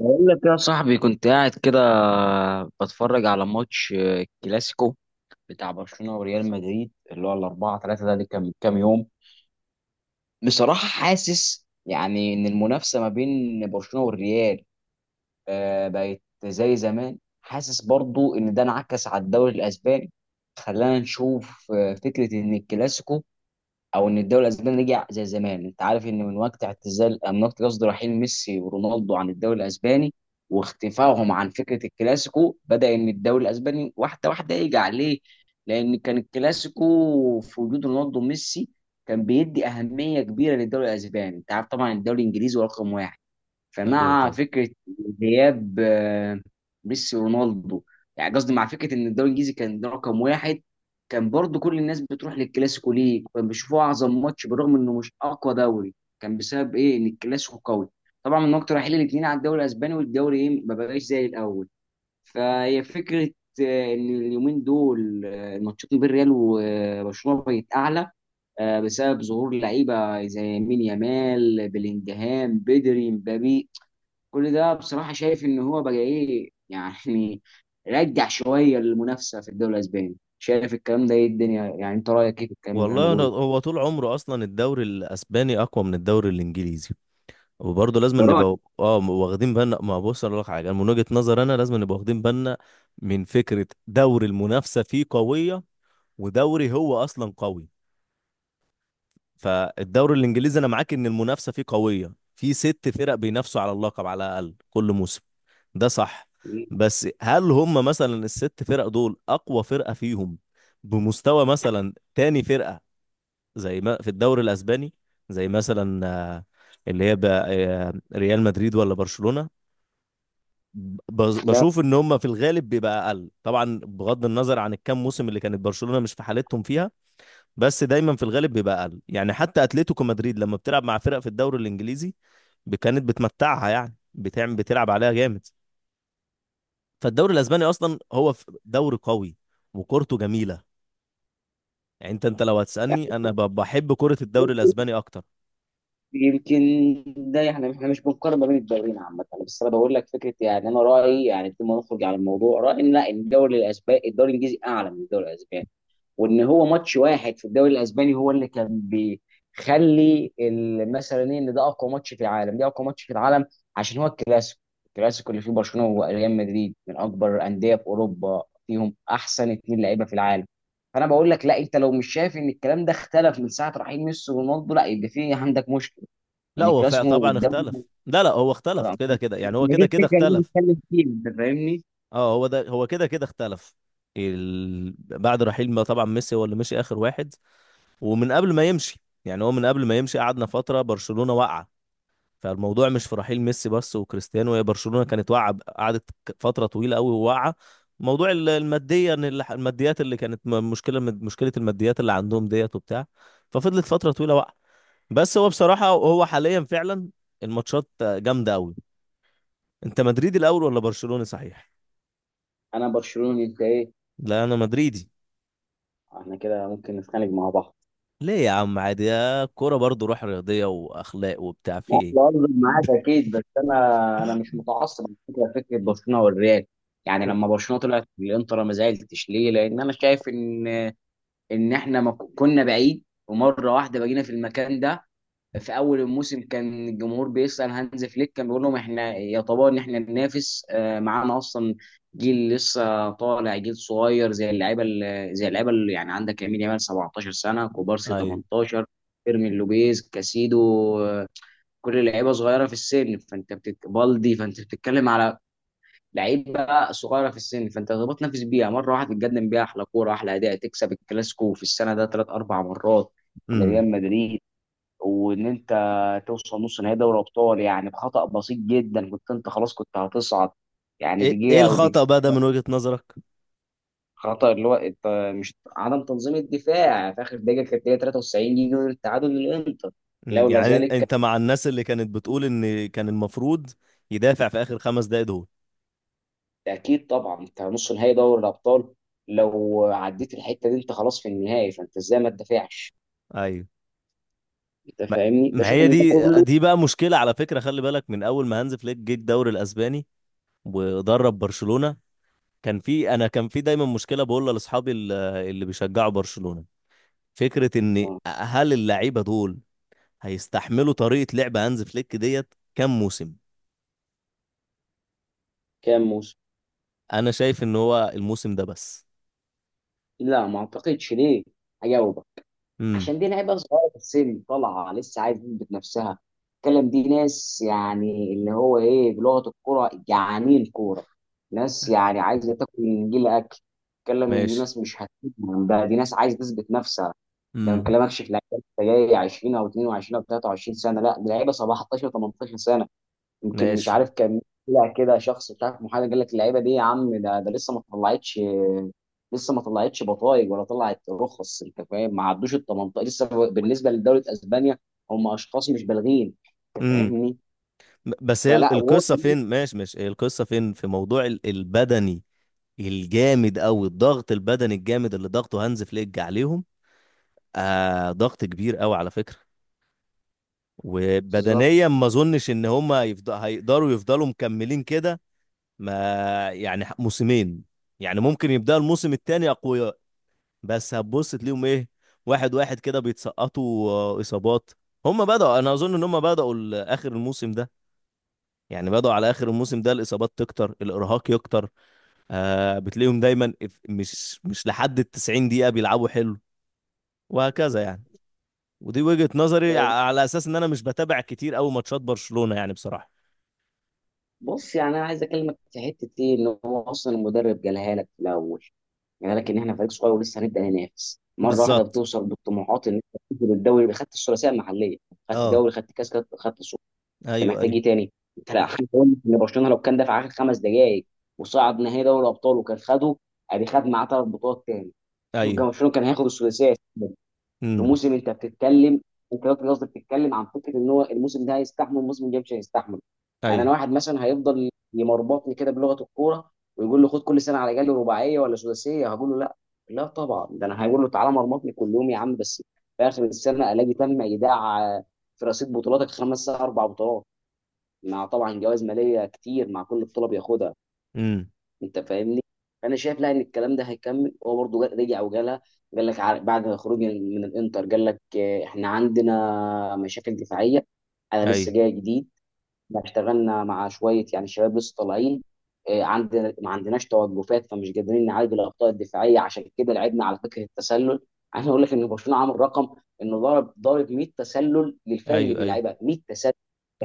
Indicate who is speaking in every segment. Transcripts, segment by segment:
Speaker 1: بقول لك يا صاحبي، كنت قاعد كده بتفرج على ماتش كلاسيكو بتاع برشلونة وريال مدريد، اللي هو 4-3 ده اللي كان من كام يوم. بصراحة حاسس يعني إن المنافسة ما بين برشلونة والريال، بقت زي زمان. حاسس برضو إن ده انعكس على الدوري الأسباني، خلانا نشوف فكرة إن الكلاسيكو او ان الدوري الاسباني رجع زي زمان. انت عارف ان من وقت اعتزال من وقت قصد، رحيل ميسي ورونالدو عن الدوري الاسباني واختفائهم عن فكره الكلاسيكو، بدا ان الدوري الاسباني واحده واحده يرجع ليه. لان كان الكلاسيكو في وجود رونالدو وميسي كان بيدي اهميه كبيره للدوري الاسباني. انت عارف طبعا الدوري الانجليزي هو رقم واحد.
Speaker 2: ايوه،
Speaker 1: فمع
Speaker 2: طبعا.
Speaker 1: فكره غياب ميسي ورونالدو، يعني قصدي، مع فكره ان الدوري الانجليزي كان رقم واحد، كان برضو كل الناس بتروح للكلاسيكو. ليه؟ كان بيشوفوه اعظم ماتش بالرغم انه مش اقوى دوري. كان بسبب ايه؟ ان الكلاسيكو قوي. طبعا من وقت رحيل الاثنين على الدوري الاسباني، والدوري ايه ما بقاش زي الاول. فهي فكره ان اليومين دول الماتشات ما بين ريال وبرشلونه بقت اعلى، بسبب ظهور لعيبه زي مين يامال، بلينجهام، بدري، مبابي. كل ده بصراحة شايف ان هو بقى ايه يعني، رجع شوية المنافسة في الدوري الاسباني. شايف الكلام ده ايه الدنيا، يعني انت رأيك ايه في الكلام اللي انا
Speaker 2: والله أنا
Speaker 1: بقوله؟
Speaker 2: هو طول عمره اصلا الدوري الاسباني اقوى من الدوري الانجليزي. وبرضه لازم
Speaker 1: ده رأيي.
Speaker 2: نبقى واخدين بالنا، ما بص اقول لك حاجه، أنا من وجهه نظر انا لازم نبقى واخدين بالنا من فكره دوري المنافسه فيه قويه، ودوري هو اصلا قوي. فالدوري الانجليزي انا معاك ان المنافسه فيه قويه، في ست فرق بينافسوا على اللقب على الاقل كل موسم، ده صح. بس هل هم مثلا الست فرق دول اقوى فرقه فيهم بمستوى مثلا تاني فرقه زي ما في الدوري الاسباني؟ زي مثلا اللي هي بقى ريال مدريد ولا برشلونة.
Speaker 1: لا
Speaker 2: بشوف ان هم في الغالب بيبقى اقل طبعا، بغض النظر عن الكام موسم اللي كانت برشلونة مش في حالتهم فيها، بس دايما في الغالب بيبقى اقل. يعني حتى اتلتيكو مدريد لما بتلعب مع فرق في الدوري الانجليزي كانت بتمتعها، يعني بتعمل بتلعب عليها جامد. فالدوري الاسباني اصلا هو دوري قوي وكورته جميلة. يعني انت لو
Speaker 1: يعني،
Speaker 2: هتسألني انا بحب كرة الدوري
Speaker 1: يمكن
Speaker 2: الاسباني اكتر.
Speaker 1: يمكن ده احنا مش بنقارن ما بين الدوريين عامة، بس انا بقول لك فكرة، يعني انا رأيي يعني بدون ما نخرج على الموضوع، رأيي ان، لا، الدوري الانجليزي اعلى من الدوري الاسباني، وان هو ماتش واحد في الدوري الاسباني هو اللي كان بيخلي مثلا ايه، ان ده اقوى ماتش في العالم، ده اقوى ماتش في العالم، عشان هو الكلاسيكو. الكلاسيكو اللي فيه برشلونه وريال مدريد من اكبر انديه في اوروبا، فيهم احسن اتنين لعيبه في العالم. فانا بقول لك، لا، انت لو مش شايف ان الكلام ده اختلف من ساعه رحيل ميسي ورونالدو، لا، يبقى في عندك مشكله.
Speaker 2: لا
Speaker 1: ان
Speaker 2: هو
Speaker 1: الكلاسيكو
Speaker 2: طبعا
Speaker 1: والدوري،
Speaker 2: اختلف، لا لا هو اختلف كده كده، يعني هو
Speaker 1: هي دي
Speaker 2: كده كده
Speaker 1: الفكره اللي أنا
Speaker 2: اختلف.
Speaker 1: بتكلم فيها، انت فاهمني؟
Speaker 2: اه هو ده هو كده كده اختلف. بعد رحيل، ما طبعا ميسي هو اللي مشي اخر واحد، ومن قبل ما يمشي، يعني هو من قبل ما يمشي قعدنا فتره برشلونه واقعه. فالموضوع مش في رحيل ميسي بس وكريستيانو، هي برشلونه كانت واقعه، قعدت فتره طويله قوي واقعه. موضوع الماديه، ان الماديات اللي كانت مشكله، مشكله الماديات اللي عندهم ديت وبتاع. ففضلت فتره طويله واقعه. بس هو بصراحه هو حاليا فعلا الماتشات جامده قوي. انت مدريدي الاول ولا برشلوني، صحيح؟
Speaker 1: انا برشلوني، انت ايه؟
Speaker 2: لا، انا مدريدي.
Speaker 1: احنا كده ممكن نتخانق مع بعض.
Speaker 2: ليه يا عم؟ عادي، يا كوره برضو، روح رياضيه واخلاق وبتاع في
Speaker 1: لا،
Speaker 2: ايه.
Speaker 1: بهزر معاك اكيد، بس انا مش متعصب من فكره برشلونه والريال. يعني لما برشلونه طلعت بالانتر ما زعلتش، ليه؟ لان انا شايف ان احنا ما كنا بعيد، ومره واحده بقينا في المكان ده. في اول الموسم كان الجمهور بيسال هانز فليك، كان بيقول لهم احنا يا طبعا، ان احنا ننافس معانا اصلا، جيل لسه طالع، جيل صغير، زي اللعيبه اللي يعني عندك، يمين يامال 17 سنه، كوبارسي
Speaker 2: ايوه.
Speaker 1: 18، فيرمين لوبيز، كاسيدو، آه، كل لعيبه صغيره في السن. فانت بالدي، فانت بتتكلم على لعيبه صغيره في السن، فانت تقدر تنافس بيها مره واحده، تقدم بيها احلى كوره، احلى اداء، تكسب الكلاسيكو في السنه ده ثلاث اربع مرات
Speaker 2: امم.
Speaker 1: لريال مدريد، وان انت توصل نص نهائي دوري ابطال، يعني بخطا بسيط جدا كنت انت خلاص كنت هتصعد، يعني
Speaker 2: ايه ايه
Speaker 1: دقيقه او دقيقه.
Speaker 2: الخطأ بقى ده من وجهة نظرك؟
Speaker 1: خطا اللي هو انت مش، عدم تنظيم الدفاع في اخر دقيقه كانت هي 93 يجي التعادل للانتر. لولا
Speaker 2: يعني
Speaker 1: ذلك،
Speaker 2: انت مع الناس اللي كانت بتقول ان كان المفروض يدافع في اخر 5 دقايق دول؟
Speaker 1: اكيد طبعا. انت نص نهائي دوري الابطال، لو عديت الحته دي انت خلاص في النهائي، فانت ازاي ما تدافعش؟
Speaker 2: ايوه.
Speaker 1: انت
Speaker 2: ما,
Speaker 1: فاهمني؟
Speaker 2: ما
Speaker 1: بشوف
Speaker 2: هي
Speaker 1: ان ده
Speaker 2: دي
Speaker 1: كله
Speaker 2: دي بقى مشكلة على فكرة، خلي بالك من اول ما هانز فليك جه الدوري الاسباني ودرب برشلونة. كان في، انا كان في دايما مشكلة بقولها لاصحابي اللي بيشجعوا برشلونة، فكرة ان
Speaker 1: آه.
Speaker 2: هل اللعيبة دول هيستحملوا طريقة لعب هانز فليك ديت كام موسم؟
Speaker 1: كام موسم؟
Speaker 2: انا شايف ان هو الموسم ده بس.
Speaker 1: لا ما اعتقدش، ليه؟ هجاوبك.
Speaker 2: امم.
Speaker 1: عشان دي لعيبه صغيره في السن طالعه لسه، عايزه تثبت نفسها. الكلام، دي ناس يعني اللي هو ايه بلغه الكوره، جعانين كوره. ناس يعني عايزه تاكل، من جيل اكل. الكلام من دي،
Speaker 2: ماشي.
Speaker 1: ناس مش هتفهم بقى، دي ناس عايزه تثبت نفسها. ده ما
Speaker 2: امم.
Speaker 1: بكلمكش في لعيبه لسه جاي 20 او 22 او 23 سنه، لا ده لعيبه 17 18 سنه. يمكن مش
Speaker 2: ماشي.
Speaker 1: عارف، كان طلع كده شخص مش عارف محامي قال لك اللعيبه دي يا عم ده لسه ما طلعتش. لسه ما طلعتش بطايق ولا طلعت رخص، انت فاهم، ما عدوش ال 18 لسه بالنسبه لدوله اسبانيا. هم اشخاص مش بالغين، انت
Speaker 2: امم.
Speaker 1: فاهمني.
Speaker 2: بس هي
Speaker 1: فلا
Speaker 2: القصة فين؟ ماشي، ماشي، هي القصة فين في موضوع البدني الجامد قوي، الضغط البدني الجامد اللي ضغطه هانز فليك عليهم. ضغط كبير قوي على فكرة،
Speaker 1: بالظبط.
Speaker 2: وبدنيا ما اظنش ان هم هيفضلوا مكملين كده، ما يعني موسمين، يعني ممكن يبدأ الموسم التاني أقوياء، بس هتبص تلاقيهم إيه؟ واحد واحد كده بيتسقطوا إصابات. هم بدأوا، أنا أظن إن هم بدأوا آخر الموسم ده، يعني بدأوا على آخر الموسم ده الإصابات تكتر الإرهاق يكتر. بتلاقيهم دايما مش لحد التسعين دقيقة بيلعبوا حلو، وهكذا يعني. ودي وجهة نظري
Speaker 1: أه،
Speaker 2: على أساس إن أنا مش بتابع كتير أوي ماتشات برشلونة يعني بصراحة.
Speaker 1: بص يعني انا عايز اكلمك في حته ايه، ان هو اصلا المدرب جالها لك في الاول، يعني لكن احنا فريق صغير ولسه هنبدا ننافس، مره واحده
Speaker 2: بالظبط.
Speaker 1: بتوصل بالطموحات ان انت تنزل الدوري، يبقى خدت الثلاثيه المحليه، خدت
Speaker 2: اه.
Speaker 1: دوري، خدت كاس، خدت سوبر. انت
Speaker 2: ايوه،
Speaker 1: محتاج
Speaker 2: ايوه.
Speaker 1: ايه تاني؟ انت لا حد يقول لك ان برشلونه لو كان دفع اخر 5 دقائق وصعد نهائي دوري الابطال وكان خده، ادي خد معاه 3 بطولات تاني. يبقى
Speaker 2: ايوه.
Speaker 1: برشلونه كان هياخد الثلاثيه في
Speaker 2: امم.
Speaker 1: موسم انت بتتكلم. انت دلوقتي قصدك بتتكلم عن فكره ان هو الموسم ده هيستحمل، الموسم الجاي مش هيستحمل. يعني انا
Speaker 2: ايوه.
Speaker 1: واحد مثلا هيفضل يمربطني كده بلغه الكوره، ويقول له خد كل سنه على جالي رباعيه ولا سداسيه، هقول له لا. لا طبعا، ده انا هقول له تعالى مرمطني كل يوم يا عم، بس في اخر السنه الاقي تم ايداع في رصيد بطولاتك خمس اربع بطولات، مع طبعا جوائز ماليه كتير مع كل بطوله بياخدها.
Speaker 2: امم.
Speaker 1: انت فاهمني؟ انا شايف، لا، ان الكلام ده هيكمل، هو برضه رجع وجالها. قال لك بعد خروج من الانتر، قال لك احنا عندنا مشاكل دفاعيه، انا
Speaker 2: ايوه،
Speaker 1: لسه جاي جديد، احنا اشتغلنا مع شويه يعني شباب لسه طالعين، ما عندناش توقفات، فمش قادرين نعالج الاخطاء الدفاعيه، عشان كده لعبنا على فكره التسلل. عايز اقول لك ان برشلونه عامل رقم انه ضارب 100 تسلل للفرق اللي
Speaker 2: ايوه، ايوه،
Speaker 1: بيلعبها، 100 تسلل.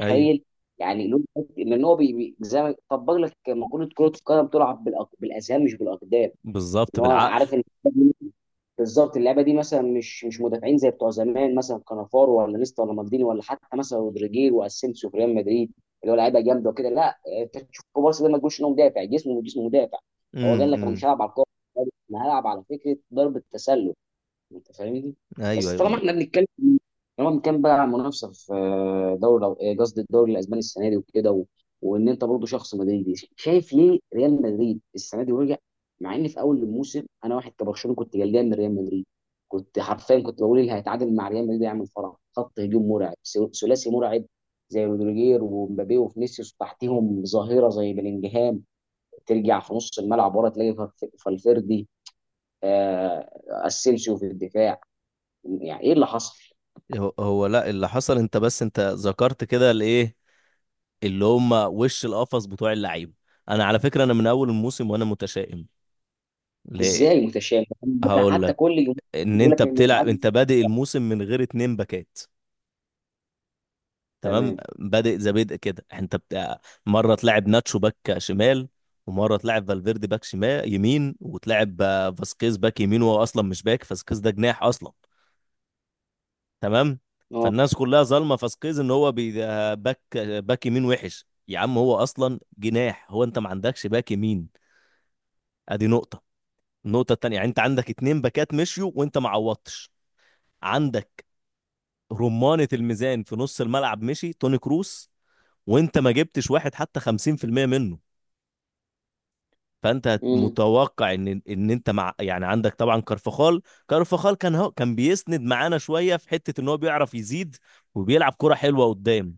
Speaker 2: ايوه.
Speaker 1: يعني لان هو زي ما طبق لك مقوله كره القدم تلعب بالاذهان مش بالاقدام.
Speaker 2: بالظبط،
Speaker 1: ان هو
Speaker 2: بالعقل.
Speaker 1: عارف بالظبط اللعبه دي، مثلا مش مدافعين زي بتوع زمان مثلا كانافارو ولا نيستا ولا مالديني ولا حتى مثلا رودريجير واسينسيو في ريال مدريد، اللي هو لعيبه جامده وكده. لا انت تشوف بارسا ده ما تقولش انه مدافع، جسمه جسمه مدافع. هو قال لك انا
Speaker 2: امم.
Speaker 1: مش هلعب على الكوره، انا هلعب على فكره ضرب التسلل. انت فاهمني؟
Speaker 2: ايوه،
Speaker 1: بس
Speaker 2: ايوه، لا.
Speaker 1: طالما بنتكلم بقى عن منافسه في دوري قصدي الدوري الاسباني السنه دي وكده و... وان انت برضه شخص مدريدي، شايف ليه ريال مدريد السنه دي ورجع. مع ان في اول الموسم انا واحد كبرشلونه كنت قلقان من ريال مدريد، كنت حرفيا كنت بقول اللي هيتعادل مع ريال مدريد هيعمل فرح، خط هجوم مرعب، ثلاثي مرعب، زي رودريجير ومبابي وفينيسيوس، تحتيهم ظاهره زي بلينجهام، ترجع في نص الملعب ورا تلاقي فالفيردي، اسينسيو في الدفاع. يعني ايه اللي حصل؟
Speaker 2: هو هو، لا اللي حصل، انت بس انت ذكرت كده الايه اللي هم وش القفص بتوع اللعيبه. انا على فكره انا من اول الموسم وانا متشائم. ليه؟
Speaker 1: ازاي متشابه؟ ده
Speaker 2: هقول
Speaker 1: حتى
Speaker 2: لك.
Speaker 1: كل يوم.
Speaker 2: ان
Speaker 1: يقول
Speaker 2: انت
Speaker 1: لك ان
Speaker 2: بتلعب،
Speaker 1: يتعدى.
Speaker 2: انت بادئ الموسم من غير اتنين باكات. تمام،
Speaker 1: تمام.
Speaker 2: بادئ زي بدء كده انت بتاع. مره تلعب ناتشو باك شمال، ومره تلعب فالفيردي باك شمال يمين، وتلعب فاسكيز باك يمين، وهو اصلا مش باك، فاسكيز ده جناح اصلا. تمام.
Speaker 1: اه.
Speaker 2: فالناس كلها ظالمه فاسكيز ان هو ده باك، باك يمين وحش يا عم، هو اصلا جناح، هو انت ما عندكش باك يمين. ادي نقطه. النقطه التانيه، يعني انت عندك اتنين باكات مشيوا وانت ما عوضتش. عندك رمانه الميزان في نص الملعب مشي توني كروس، وانت ما جبتش واحد حتى 50% منه. فانت
Speaker 1: امم.
Speaker 2: متوقع ان انت مع، يعني عندك طبعا كارفخال. كارفخال كان، هو كان بيسند معانا شويه في حته ان هو بيعرف يزيد، وبيلعب كرة حلوه قدام.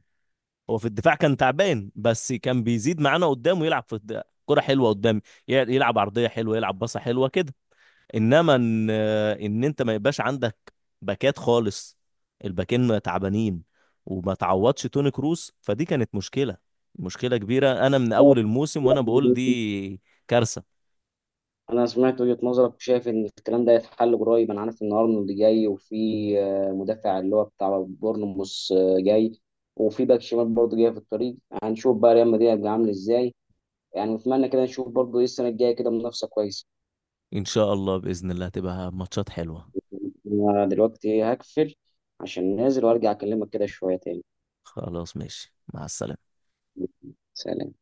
Speaker 2: هو في الدفاع كان تعبان، بس كان بيزيد معانا قدام ويلعب في كرة حلوة قدام، يلعب عرضية حلوة، يلعب باصة حلوة كده. انما ان انت ما يبقاش عندك باكات خالص، الباكين تعبانين، وما تعوضش توني كروس، فدي كانت مشكلة، مشكلة كبيرة، انا من اول الموسم وانا بقول دي كارثة.
Speaker 1: انا سمعت وجهة نظرك، وشايف ان الكلام ده يتحل قريب. انا عارف ان ارنولد جاي، وفي مدافع اللي هو بتاع بورنموث جاي، وفي باك شمال برضه جاي في الطريق. هنشوف بقى ريال مدريد هيبقى عامل ازاي. يعني نتمنى كده نشوف برضه ايه السنه الجايه كده منافسه كويسه.
Speaker 2: ان شاء الله، بإذن الله هتبقى ماتشات حلوة.
Speaker 1: انا دلوقتي هقفل عشان نازل، وارجع اكلمك كده شويه تاني.
Speaker 2: خلاص، ماشي، مع السلامة.
Speaker 1: سلام.